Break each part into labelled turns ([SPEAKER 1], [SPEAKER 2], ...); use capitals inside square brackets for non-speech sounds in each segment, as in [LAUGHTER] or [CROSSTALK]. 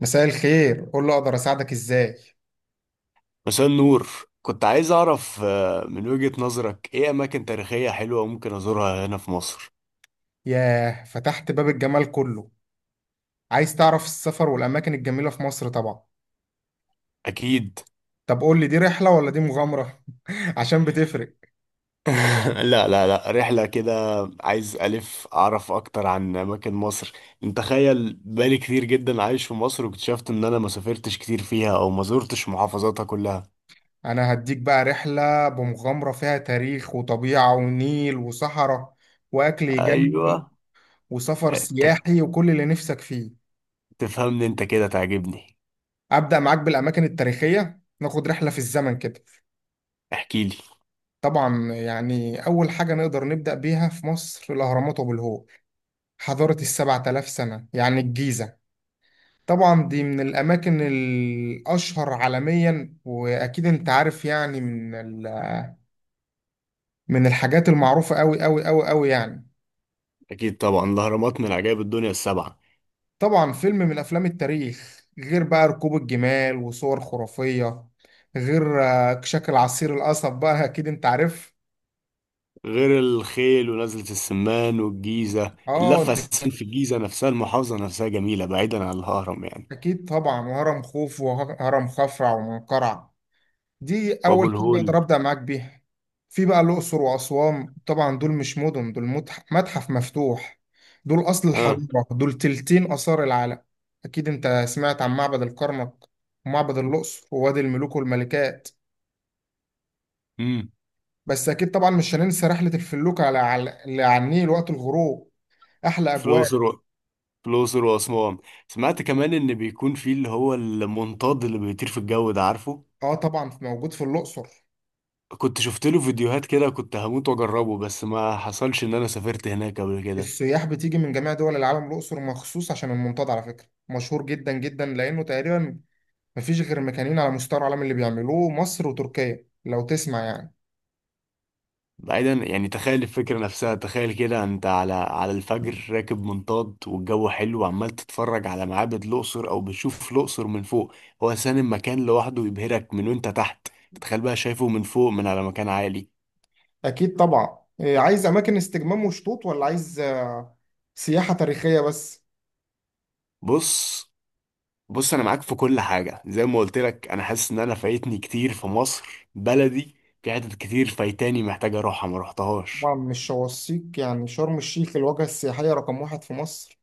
[SPEAKER 1] مساء الخير، قول له اقدر اساعدك ازاي.
[SPEAKER 2] مساء النور. كنت عايز أعرف من وجهة نظرك إيه أماكن تاريخية حلوة ممكن أزورها هنا في مصر؟
[SPEAKER 1] ياه فتحت باب الجمال كله. عايز تعرف السفر والاماكن الجميله في مصر طبعا.
[SPEAKER 2] أكيد.
[SPEAKER 1] طب قول لي دي رحله ولا دي مغامره [LAUGHS] عشان بتفرق.
[SPEAKER 2] [LAUGHS] لا لا لا، رحلة كده. عايز ألف أعرف أكتر عن أماكن مصر. أنت تخيل، بقالي كتير جدا عايش في مصر واكتشفت إن أنا ما سافرتش كتير فيها أو ما زرتش محافظاتها كلها.
[SPEAKER 1] انا هديك بقى رحله بمغامره فيها تاريخ وطبيعه ونيل وصحراء واكل يجنن
[SPEAKER 2] أيوه.
[SPEAKER 1] وسفر
[SPEAKER 2] أنت
[SPEAKER 1] سياحي وكل اللي نفسك فيه.
[SPEAKER 2] تفهمني، أنت كده تعجبني.
[SPEAKER 1] ابدا معاك بالاماكن التاريخيه، ناخد رحله في الزمن كده.
[SPEAKER 2] احكيلي.
[SPEAKER 1] طبعا يعني اول حاجه نقدر نبدا بيها في مصر الاهرامات وابو الهول. حضارة ال 7000 سنة يعني الجيزة. طبعا دي من الأماكن الأشهر عالميا، وأكيد أنت عارف يعني من الحاجات المعروفة أوي أوي أوي أوي يعني.
[SPEAKER 2] أكيد طبعا، الأهرامات من عجائب الدنيا السبعة.
[SPEAKER 1] طبعا فيلم من أفلام التاريخ، غير بقى ركوب الجمال وصور خرافية، غير شكل عصير القصب، بقى أكيد أنت عارف.
[SPEAKER 2] غير الخيل ونزلة السمان والجيزة،
[SPEAKER 1] أه
[SPEAKER 2] اللفة
[SPEAKER 1] أنت،
[SPEAKER 2] أساسا في الجيزة نفسها، المحافظة نفسها جميلة بعيدا عن الهرم يعني.
[SPEAKER 1] أكيد طبعا، وهرم خوف وهرم خفرع ومنقرع. دي
[SPEAKER 2] وأبو
[SPEAKER 1] اول حاجه اقدر
[SPEAKER 2] الهول.
[SPEAKER 1] ابدا معاك بيها. في بقى الاقصر واسوان، طبعا دول مش مدن، دول متحف مفتوح. دول اصل
[SPEAKER 2] آه.
[SPEAKER 1] الحضاره، دول تلتين اثار العالم. اكيد انت سمعت عن معبد الكرنك ومعبد الاقصر ووادي الملوك والملكات.
[SPEAKER 2] امم.
[SPEAKER 1] بس اكيد طبعا مش هننسى رحله الفلوكه على النيل وقت الغروب. احلى
[SPEAKER 2] في
[SPEAKER 1] اجواء.
[SPEAKER 2] الأقصر في الأقصر وأسوان. سمعت كمان إن بيكون في اللي هو المنطاد اللي بيطير في الجو ده، عارفه؟
[SPEAKER 1] اه طبعا موجود في الاقصر.
[SPEAKER 2] كنت شفت له فيديوهات كده، كنت هموت وأجربه بس ما حصلش إن أنا سافرت هناك قبل كده.
[SPEAKER 1] السياح بتيجي من جميع دول العالم الاقصر مخصوص عشان المنطاد، على فكره مشهور جدا جدا لانه تقريبا مفيش غير مكانين على مستوى العالم اللي بيعملوه، مصر وتركيا، لو تسمع يعني.
[SPEAKER 2] بعيدا يعني، تخيل الفكرة نفسها، تخيل كده انت على الفجر راكب منطاد والجو حلو وعمال تتفرج على معابد الأقصر او بتشوف الأقصر من فوق. هو سان المكان لوحده يبهرك من وانت تحت، تخيل بقى شايفه من فوق من على مكان عالي.
[SPEAKER 1] أكيد طبعا. عايز أماكن استجمام وشطوط، ولا عايز سياحة تاريخية بس؟
[SPEAKER 2] بص، بص انا معاك في كل حاجة. زي ما قلت لك انا حاسس ان انا فايتني كتير في مصر بلدي. في حتت كتير فايتاني محتاج اروحها ما روحتهاش.
[SPEAKER 1] طبعا مش شواصيك، يعني شرم الشيخ الوجهة السياحية رقم واحد في مصر.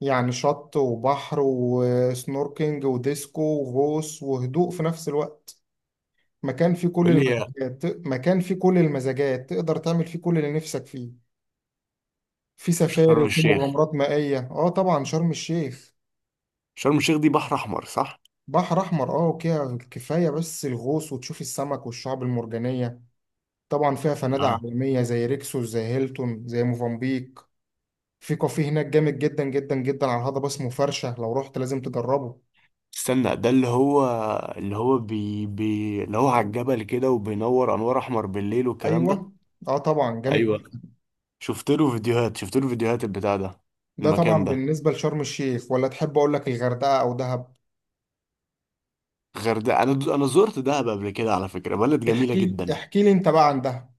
[SPEAKER 1] يعني شط وبحر وسنوركينج وديسكو وغوص وهدوء في نفس الوقت. مكان فيه كل
[SPEAKER 2] قول لي يا.
[SPEAKER 1] المزاجات مكان فيه كل المزاجات تقدر تعمل فيه كل اللي نفسك فيه. في سفاري
[SPEAKER 2] شرم
[SPEAKER 1] وفي
[SPEAKER 2] الشيخ.
[SPEAKER 1] مغامرات مائية، اه طبعا شرم الشيخ.
[SPEAKER 2] شرم الشيخ دي بحر احمر صح؟
[SPEAKER 1] بحر احمر، اه، كده كفايه بس الغوص وتشوف السمك والشعب المرجانيه. طبعا فيها فنادق عالميه، زي ريكسوس، زي هيلتون، زي موفنبيك. في كافيه هناك جامد جدا جدا جدا على الهضبه اسمه فرشه، لو رحت لازم تجربه.
[SPEAKER 2] استنى، ده اللي هو بي بي اللي هو على الجبل كده وبينور انوار احمر بالليل والكلام ده؟
[SPEAKER 1] ايوه، اه طبعا جامد
[SPEAKER 2] ايوه.
[SPEAKER 1] جداً.
[SPEAKER 2] شفت له فيديوهات البتاع ده.
[SPEAKER 1] ده طبعا
[SPEAKER 2] المكان ده.
[SPEAKER 1] بالنسبه لشرم الشيخ، ولا تحب اقول لك الغردقه او دهب؟
[SPEAKER 2] غير ده، انا زرت دهب قبل كده على فكرة، بلد جميلة
[SPEAKER 1] احكي لي
[SPEAKER 2] جدا.
[SPEAKER 1] احكي لي انت بقى عن دهب.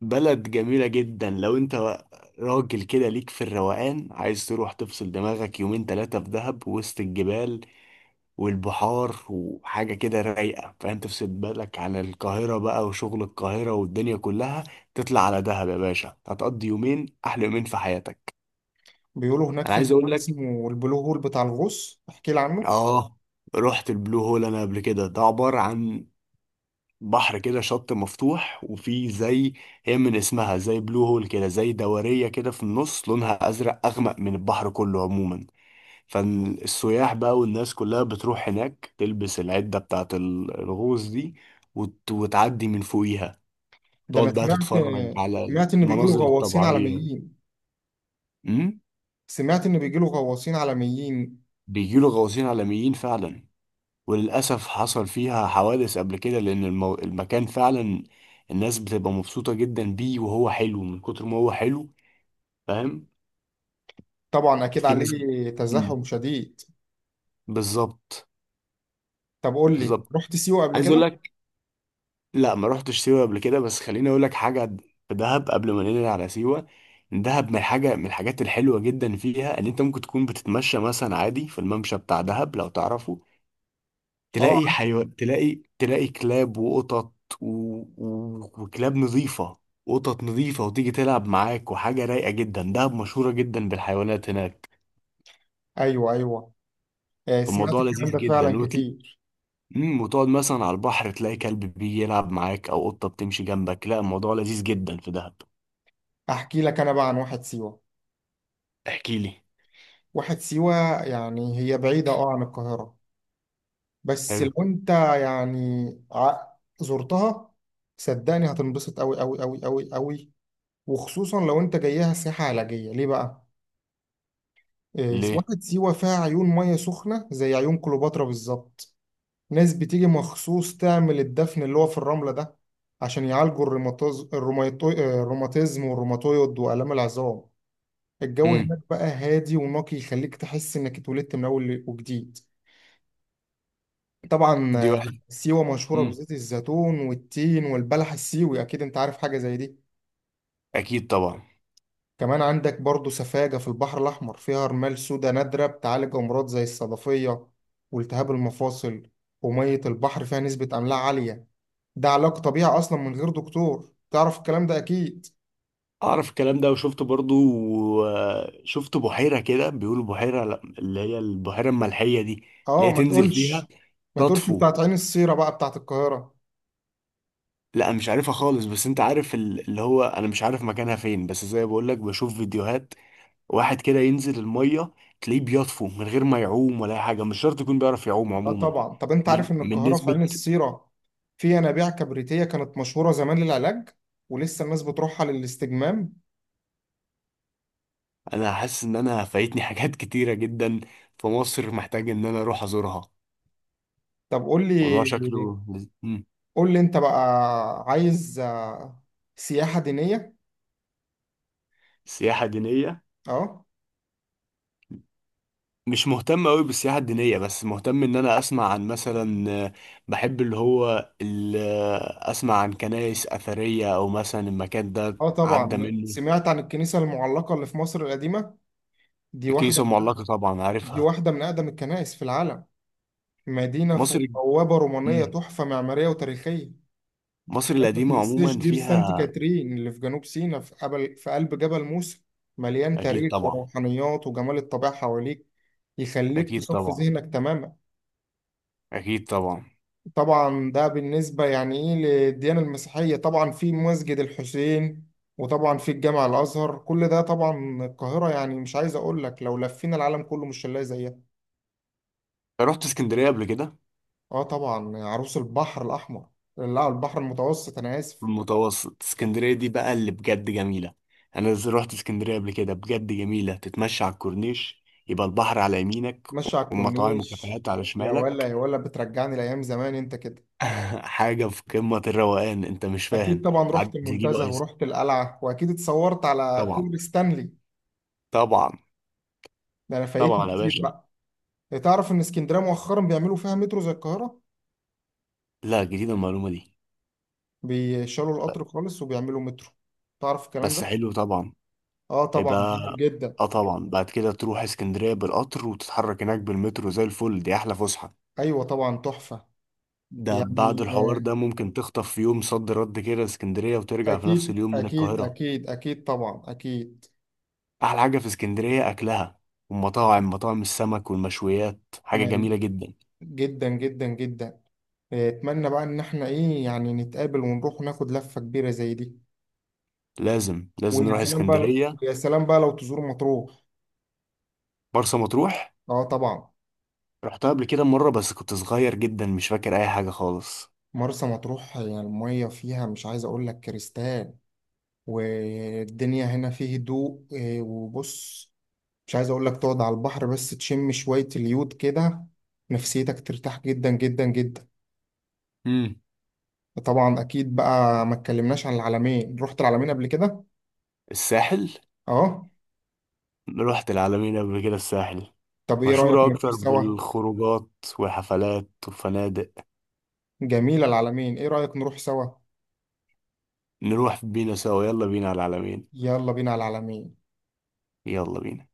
[SPEAKER 2] بلد جميلة جدا. لو انت راجل كده ليك في الروقان، عايز تروح تفصل دماغك يومين ثلاثة في دهب وسط الجبال والبحار وحاجة كده رايقة، فاهم؟ تفصل بالك عن القاهرة بقى وشغل القاهرة والدنيا كلها. تطلع على دهب يا باشا، هتقضي يومين أحلى يومين في حياتك.
[SPEAKER 1] بيقولوا هناك
[SPEAKER 2] أنا
[SPEAKER 1] في
[SPEAKER 2] عايز أقول
[SPEAKER 1] مكان
[SPEAKER 2] لك.
[SPEAKER 1] اسمه البلو هول بتاع الغوص، احكي لي عنه.
[SPEAKER 2] آه رحت البلو هول أنا قبل كده. ده عبارة عن بحر كده شط مفتوح وفي زي، هي من اسمها زي بلو هول كده، زي دورية كده في النص لونها أزرق أغمق من البحر كله عموما. فالسياح بقى والناس كلها بتروح هناك تلبس العدة بتاعة الغوص دي وتعدي من فوقيها.
[SPEAKER 1] ده انا
[SPEAKER 2] تقعد بقى
[SPEAKER 1] سمعت
[SPEAKER 2] تتفرج على
[SPEAKER 1] سمعت ان بيجيله
[SPEAKER 2] المناظر
[SPEAKER 1] غواصين
[SPEAKER 2] الطبيعية.
[SPEAKER 1] عالميين.
[SPEAKER 2] امم.
[SPEAKER 1] سمعت إن بيجيله غواصين عالميين
[SPEAKER 2] بيجيله غواصين عالميين فعلا، وللأسف حصل فيها حوادث قبل كده لأن المكان فعلا الناس بتبقى مبسوطة جدا بيه، وهو حلو من كتر ما هو حلو، فاهم؟
[SPEAKER 1] طبعا أكيد
[SPEAKER 2] في ناس.
[SPEAKER 1] عليه
[SPEAKER 2] مم.
[SPEAKER 1] تزاحم شديد.
[SPEAKER 2] بالظبط.
[SPEAKER 1] طب قول لي،
[SPEAKER 2] بالظبط،
[SPEAKER 1] رحت سيوة قبل
[SPEAKER 2] عايز اقول
[SPEAKER 1] كده؟
[SPEAKER 2] لك. لا، ما رحتش سيوة قبل كده بس خليني اقول لك حاجة. في دهب قبل ما ننقل على سيوة، دهب من حاجة من الحاجات الحلوة جدا فيها ان انت ممكن تكون بتتمشى مثلا عادي في الممشى بتاع دهب لو تعرفه، تلاقي
[SPEAKER 1] آه.
[SPEAKER 2] حيوان، تلاقي كلاب وقطط و... وكلاب نظيفة، قطط نظيفة، وتيجي تلعب معاك، وحاجة رايقة جدا، دهب مشهورة جدا بالحيوانات هناك.
[SPEAKER 1] أيوه أيوه، آه، سمعت
[SPEAKER 2] فالموضوع
[SPEAKER 1] الكلام
[SPEAKER 2] لذيذ
[SPEAKER 1] ده فعلا
[SPEAKER 2] جدا
[SPEAKER 1] كتير.
[SPEAKER 2] وتقعد مثلا على البحر تلاقي كلب بيلعب معاك او قطة بتمشي جنبك. لا، الموضوع لذيذ جدا في دهب.
[SPEAKER 1] أحكي لك أنا بقى عن واحد سيوة.
[SPEAKER 2] احكي لي.
[SPEAKER 1] واحد سيوة يعني هي بعيدة أه عن القاهرة، بس
[SPEAKER 2] حلو.
[SPEAKER 1] لو أنت يعني ع- زرتها صدقني هتنبسط أوي أوي أوي أوي أوي، وخصوصا لو أنت جايها سياحة علاجية. ليه بقى؟ آه،
[SPEAKER 2] ليه؟
[SPEAKER 1] واحد سيوة فيها عيون مية سخنة زي عيون كليوباترا بالظبط. ناس بتيجي مخصوص تعمل الدفن اللي هو في الرملة ده، عشان يعالجوا الروماتيزم والروماتويد وآلام العظام. الجو
[SPEAKER 2] امم.
[SPEAKER 1] هناك بقى هادي ونقي، يخليك تحس إنك اتولدت من أول وجديد. طبعا
[SPEAKER 2] دي واحد.
[SPEAKER 1] سيوة مشهورة
[SPEAKER 2] امم.
[SPEAKER 1] بزيت الزيتون والتين والبلح السيوي، أكيد أنت عارف حاجة زي دي.
[SPEAKER 2] اكيد طبعا.
[SPEAKER 1] كمان عندك برضو سفاجة في البحر الأحمر، فيها رمال سودا نادرة بتعالج أمراض زي الصدفية والتهاب المفاصل. ومية البحر فيها نسبة أملاح عالية، ده علاج طبيعي اصلا من غير دكتور، تعرف الكلام ده اكيد.
[SPEAKER 2] اعرف الكلام ده وشفت برضو. شفت بحيرة كده بيقولوا بحيرة، لا، اللي هي البحيرة الملحية دي، اللي
[SPEAKER 1] اه
[SPEAKER 2] هي
[SPEAKER 1] ما
[SPEAKER 2] تنزل فيها
[SPEAKER 1] تقولش.
[SPEAKER 2] تطفو.
[SPEAKER 1] بتاعت عين السيرة بقى بتاعت القاهرة.
[SPEAKER 2] لا مش عارفها خالص، بس انت عارف اللي هو، انا مش عارف مكانها فين بس زي بقول لك بشوف فيديوهات. واحد كده ينزل المية تلاقيه بيطفو من غير ما يعوم ولا اي حاجة، مش شرط يكون بيعرف يعوم
[SPEAKER 1] اه
[SPEAKER 2] عموما.
[SPEAKER 1] طبعا، طب انت
[SPEAKER 2] من
[SPEAKER 1] عارف ان
[SPEAKER 2] من
[SPEAKER 1] القاهرة في
[SPEAKER 2] نسبة.
[SPEAKER 1] عين السيرة في ينابيع كبريتية كانت مشهورة زمان للعلاج، ولسه الناس بتروحها للاستجمام.
[SPEAKER 2] انا حاسس ان انا فايتني حاجات كتيره جدا في مصر، محتاج ان انا اروح ازورها.
[SPEAKER 1] طب قول
[SPEAKER 2] موضوع
[SPEAKER 1] لي،
[SPEAKER 2] شكله مم.
[SPEAKER 1] انت بقى عايز سياحة دينية؟
[SPEAKER 2] سياحه دينيه.
[SPEAKER 1] اه.
[SPEAKER 2] مش مهتم قوي بالسياحه الدينيه، بس مهتم ان انا اسمع عن مثلا، بحب اللي هو اسمع عن كنائس اثريه او مثلا المكان ده
[SPEAKER 1] اه
[SPEAKER 2] عدى
[SPEAKER 1] طبعا
[SPEAKER 2] منه.
[SPEAKER 1] سمعت عن الكنيسة المعلقة اللي في مصر القديمة. دي واحدة.
[SPEAKER 2] الكنيسه المعلقه طبعا عارفها.
[SPEAKER 1] من اقدم الكنائس في العالم، مدينة
[SPEAKER 2] مصر.
[SPEAKER 1] فوق بوابة رومانية،
[SPEAKER 2] مم.
[SPEAKER 1] تحفة معمارية وتاريخية.
[SPEAKER 2] مصر
[SPEAKER 1] كمان ما
[SPEAKER 2] القديمه
[SPEAKER 1] تنساش
[SPEAKER 2] عموما
[SPEAKER 1] دير سانت
[SPEAKER 2] فيها.
[SPEAKER 1] كاترين اللي في جنوب سيناء، في قلب جبل موسى، مليان
[SPEAKER 2] اكيد
[SPEAKER 1] تاريخ
[SPEAKER 2] طبعا.
[SPEAKER 1] وروحانيات وجمال الطبيعة حواليك، يخليك
[SPEAKER 2] اكيد
[SPEAKER 1] تصفي
[SPEAKER 2] طبعا.
[SPEAKER 1] ذهنك تماما.
[SPEAKER 2] اكيد طبعا.
[SPEAKER 1] طبعا ده بالنسبة يعني ايه للديانة المسيحية، طبعا في مسجد الحسين، وطبعا في الجامع الأزهر، كل ده طبعا القاهرة، يعني مش عايز أقول لك لو لفينا العالم كله مش هنلاقي زيها.
[SPEAKER 2] رحت اسكندريه قبل كده.
[SPEAKER 1] اه طبعا، عروس البحر الأحمر، لا البحر المتوسط، أنا آسف.
[SPEAKER 2] المتوسط، اسكندرية دي بقى اللي بجد جميلة. أنا رحت اسكندرية قبل كده بجد جميلة، تتمشى على الكورنيش يبقى البحر على يمينك
[SPEAKER 1] ماشي على
[SPEAKER 2] ومطاعم
[SPEAKER 1] الكورنيش،
[SPEAKER 2] وكافيهات على
[SPEAKER 1] يا ولا
[SPEAKER 2] شمالك.
[SPEAKER 1] يا ولا بترجعني لأيام زمان أنت كده.
[SPEAKER 2] [LAUGHS] حاجة في قمة الروقان أنت مش
[SPEAKER 1] أكيد
[SPEAKER 2] فاهم.
[SPEAKER 1] طبعا
[SPEAKER 2] تعدي
[SPEAKER 1] رحت
[SPEAKER 2] تجيبوا
[SPEAKER 1] المنتزه،
[SPEAKER 2] آيس.
[SPEAKER 1] ورحت القلعة، وأكيد اتصورت على
[SPEAKER 2] طبعا.
[SPEAKER 1] كوبري ستانلي.
[SPEAKER 2] طبعا.
[SPEAKER 1] ده أنا فايتني
[SPEAKER 2] طبعا يا
[SPEAKER 1] كتير
[SPEAKER 2] باشا.
[SPEAKER 1] بقى. تعرف إن اسكندرية مؤخرا بيعملوا فيها مترو زي القاهرة؟
[SPEAKER 2] لا، جديدة المعلومة دي.
[SPEAKER 1] بيشالوا
[SPEAKER 2] ب-
[SPEAKER 1] القطر خالص وبيعملوا مترو، تعرف الكلام
[SPEAKER 2] بس
[SPEAKER 1] ده؟
[SPEAKER 2] حلو طبعا.
[SPEAKER 1] آه
[SPEAKER 2] هيبقى.
[SPEAKER 1] طبعا جميل جدا.
[SPEAKER 2] اه طبعا، بعد كده تروح اسكندرية بالقطر وتتحرك هناك بالمترو زي الفل، دي أحلى فسحة.
[SPEAKER 1] أيوة طبعا تحفة.
[SPEAKER 2] ده بعد
[SPEAKER 1] يعني
[SPEAKER 2] الحوار ده ممكن تخطف في يوم صد رد كده اسكندرية وترجع في نفس
[SPEAKER 1] أكيد
[SPEAKER 2] اليوم من
[SPEAKER 1] أكيد
[SPEAKER 2] القاهرة.
[SPEAKER 1] أكيد أكيد طبعا أكيد.
[SPEAKER 2] أحلى حاجة في اسكندرية أكلها، والمطاعم، مطاعم السمك والمشويات حاجة
[SPEAKER 1] ما
[SPEAKER 2] جميلة جدا.
[SPEAKER 1] جدا جدا جدا. آه، اتمنى بقى ان احنا ايه يعني نتقابل ونروح ناخد لفة كبيرة زي دي.
[SPEAKER 2] لازم لازم
[SPEAKER 1] ويا
[SPEAKER 2] نروح
[SPEAKER 1] سلام بقى.
[SPEAKER 2] اسكندرية.
[SPEAKER 1] لو تزور مطروح،
[SPEAKER 2] مرسى مطروح.
[SPEAKER 1] اه طبعا،
[SPEAKER 2] رحتها قبل كده مرة بس كنت صغير جدا مش فاكر أي حاجة خالص.
[SPEAKER 1] مرسى مطروح. يعني المية فيها مش عايز اقول لك كريستال، والدنيا هنا فيه هدوء، وبص، مش عايز اقول لك، تقعد على البحر بس تشم شوية اليود كده، نفسيتك ترتاح جدا جدا جدا.
[SPEAKER 2] امم.
[SPEAKER 1] طبعا اكيد بقى، ما اتكلمناش عن العلمين، رحت العلمين قبل كده؟
[SPEAKER 2] الساحل.
[SPEAKER 1] اه.
[SPEAKER 2] رحت العلمين قبل كده، الساحل
[SPEAKER 1] طب ايه رأيك
[SPEAKER 2] مشهورة
[SPEAKER 1] نروح
[SPEAKER 2] أكتر
[SPEAKER 1] سوا؟
[SPEAKER 2] بالخروجات وحفلات وفنادق.
[SPEAKER 1] جميلة العلمين، ايه رأيك نروح سوا؟
[SPEAKER 2] نروح بينا سوا، يلا بينا على العلمين.
[SPEAKER 1] يلا بينا على العلمين.
[SPEAKER 2] يلا بينا.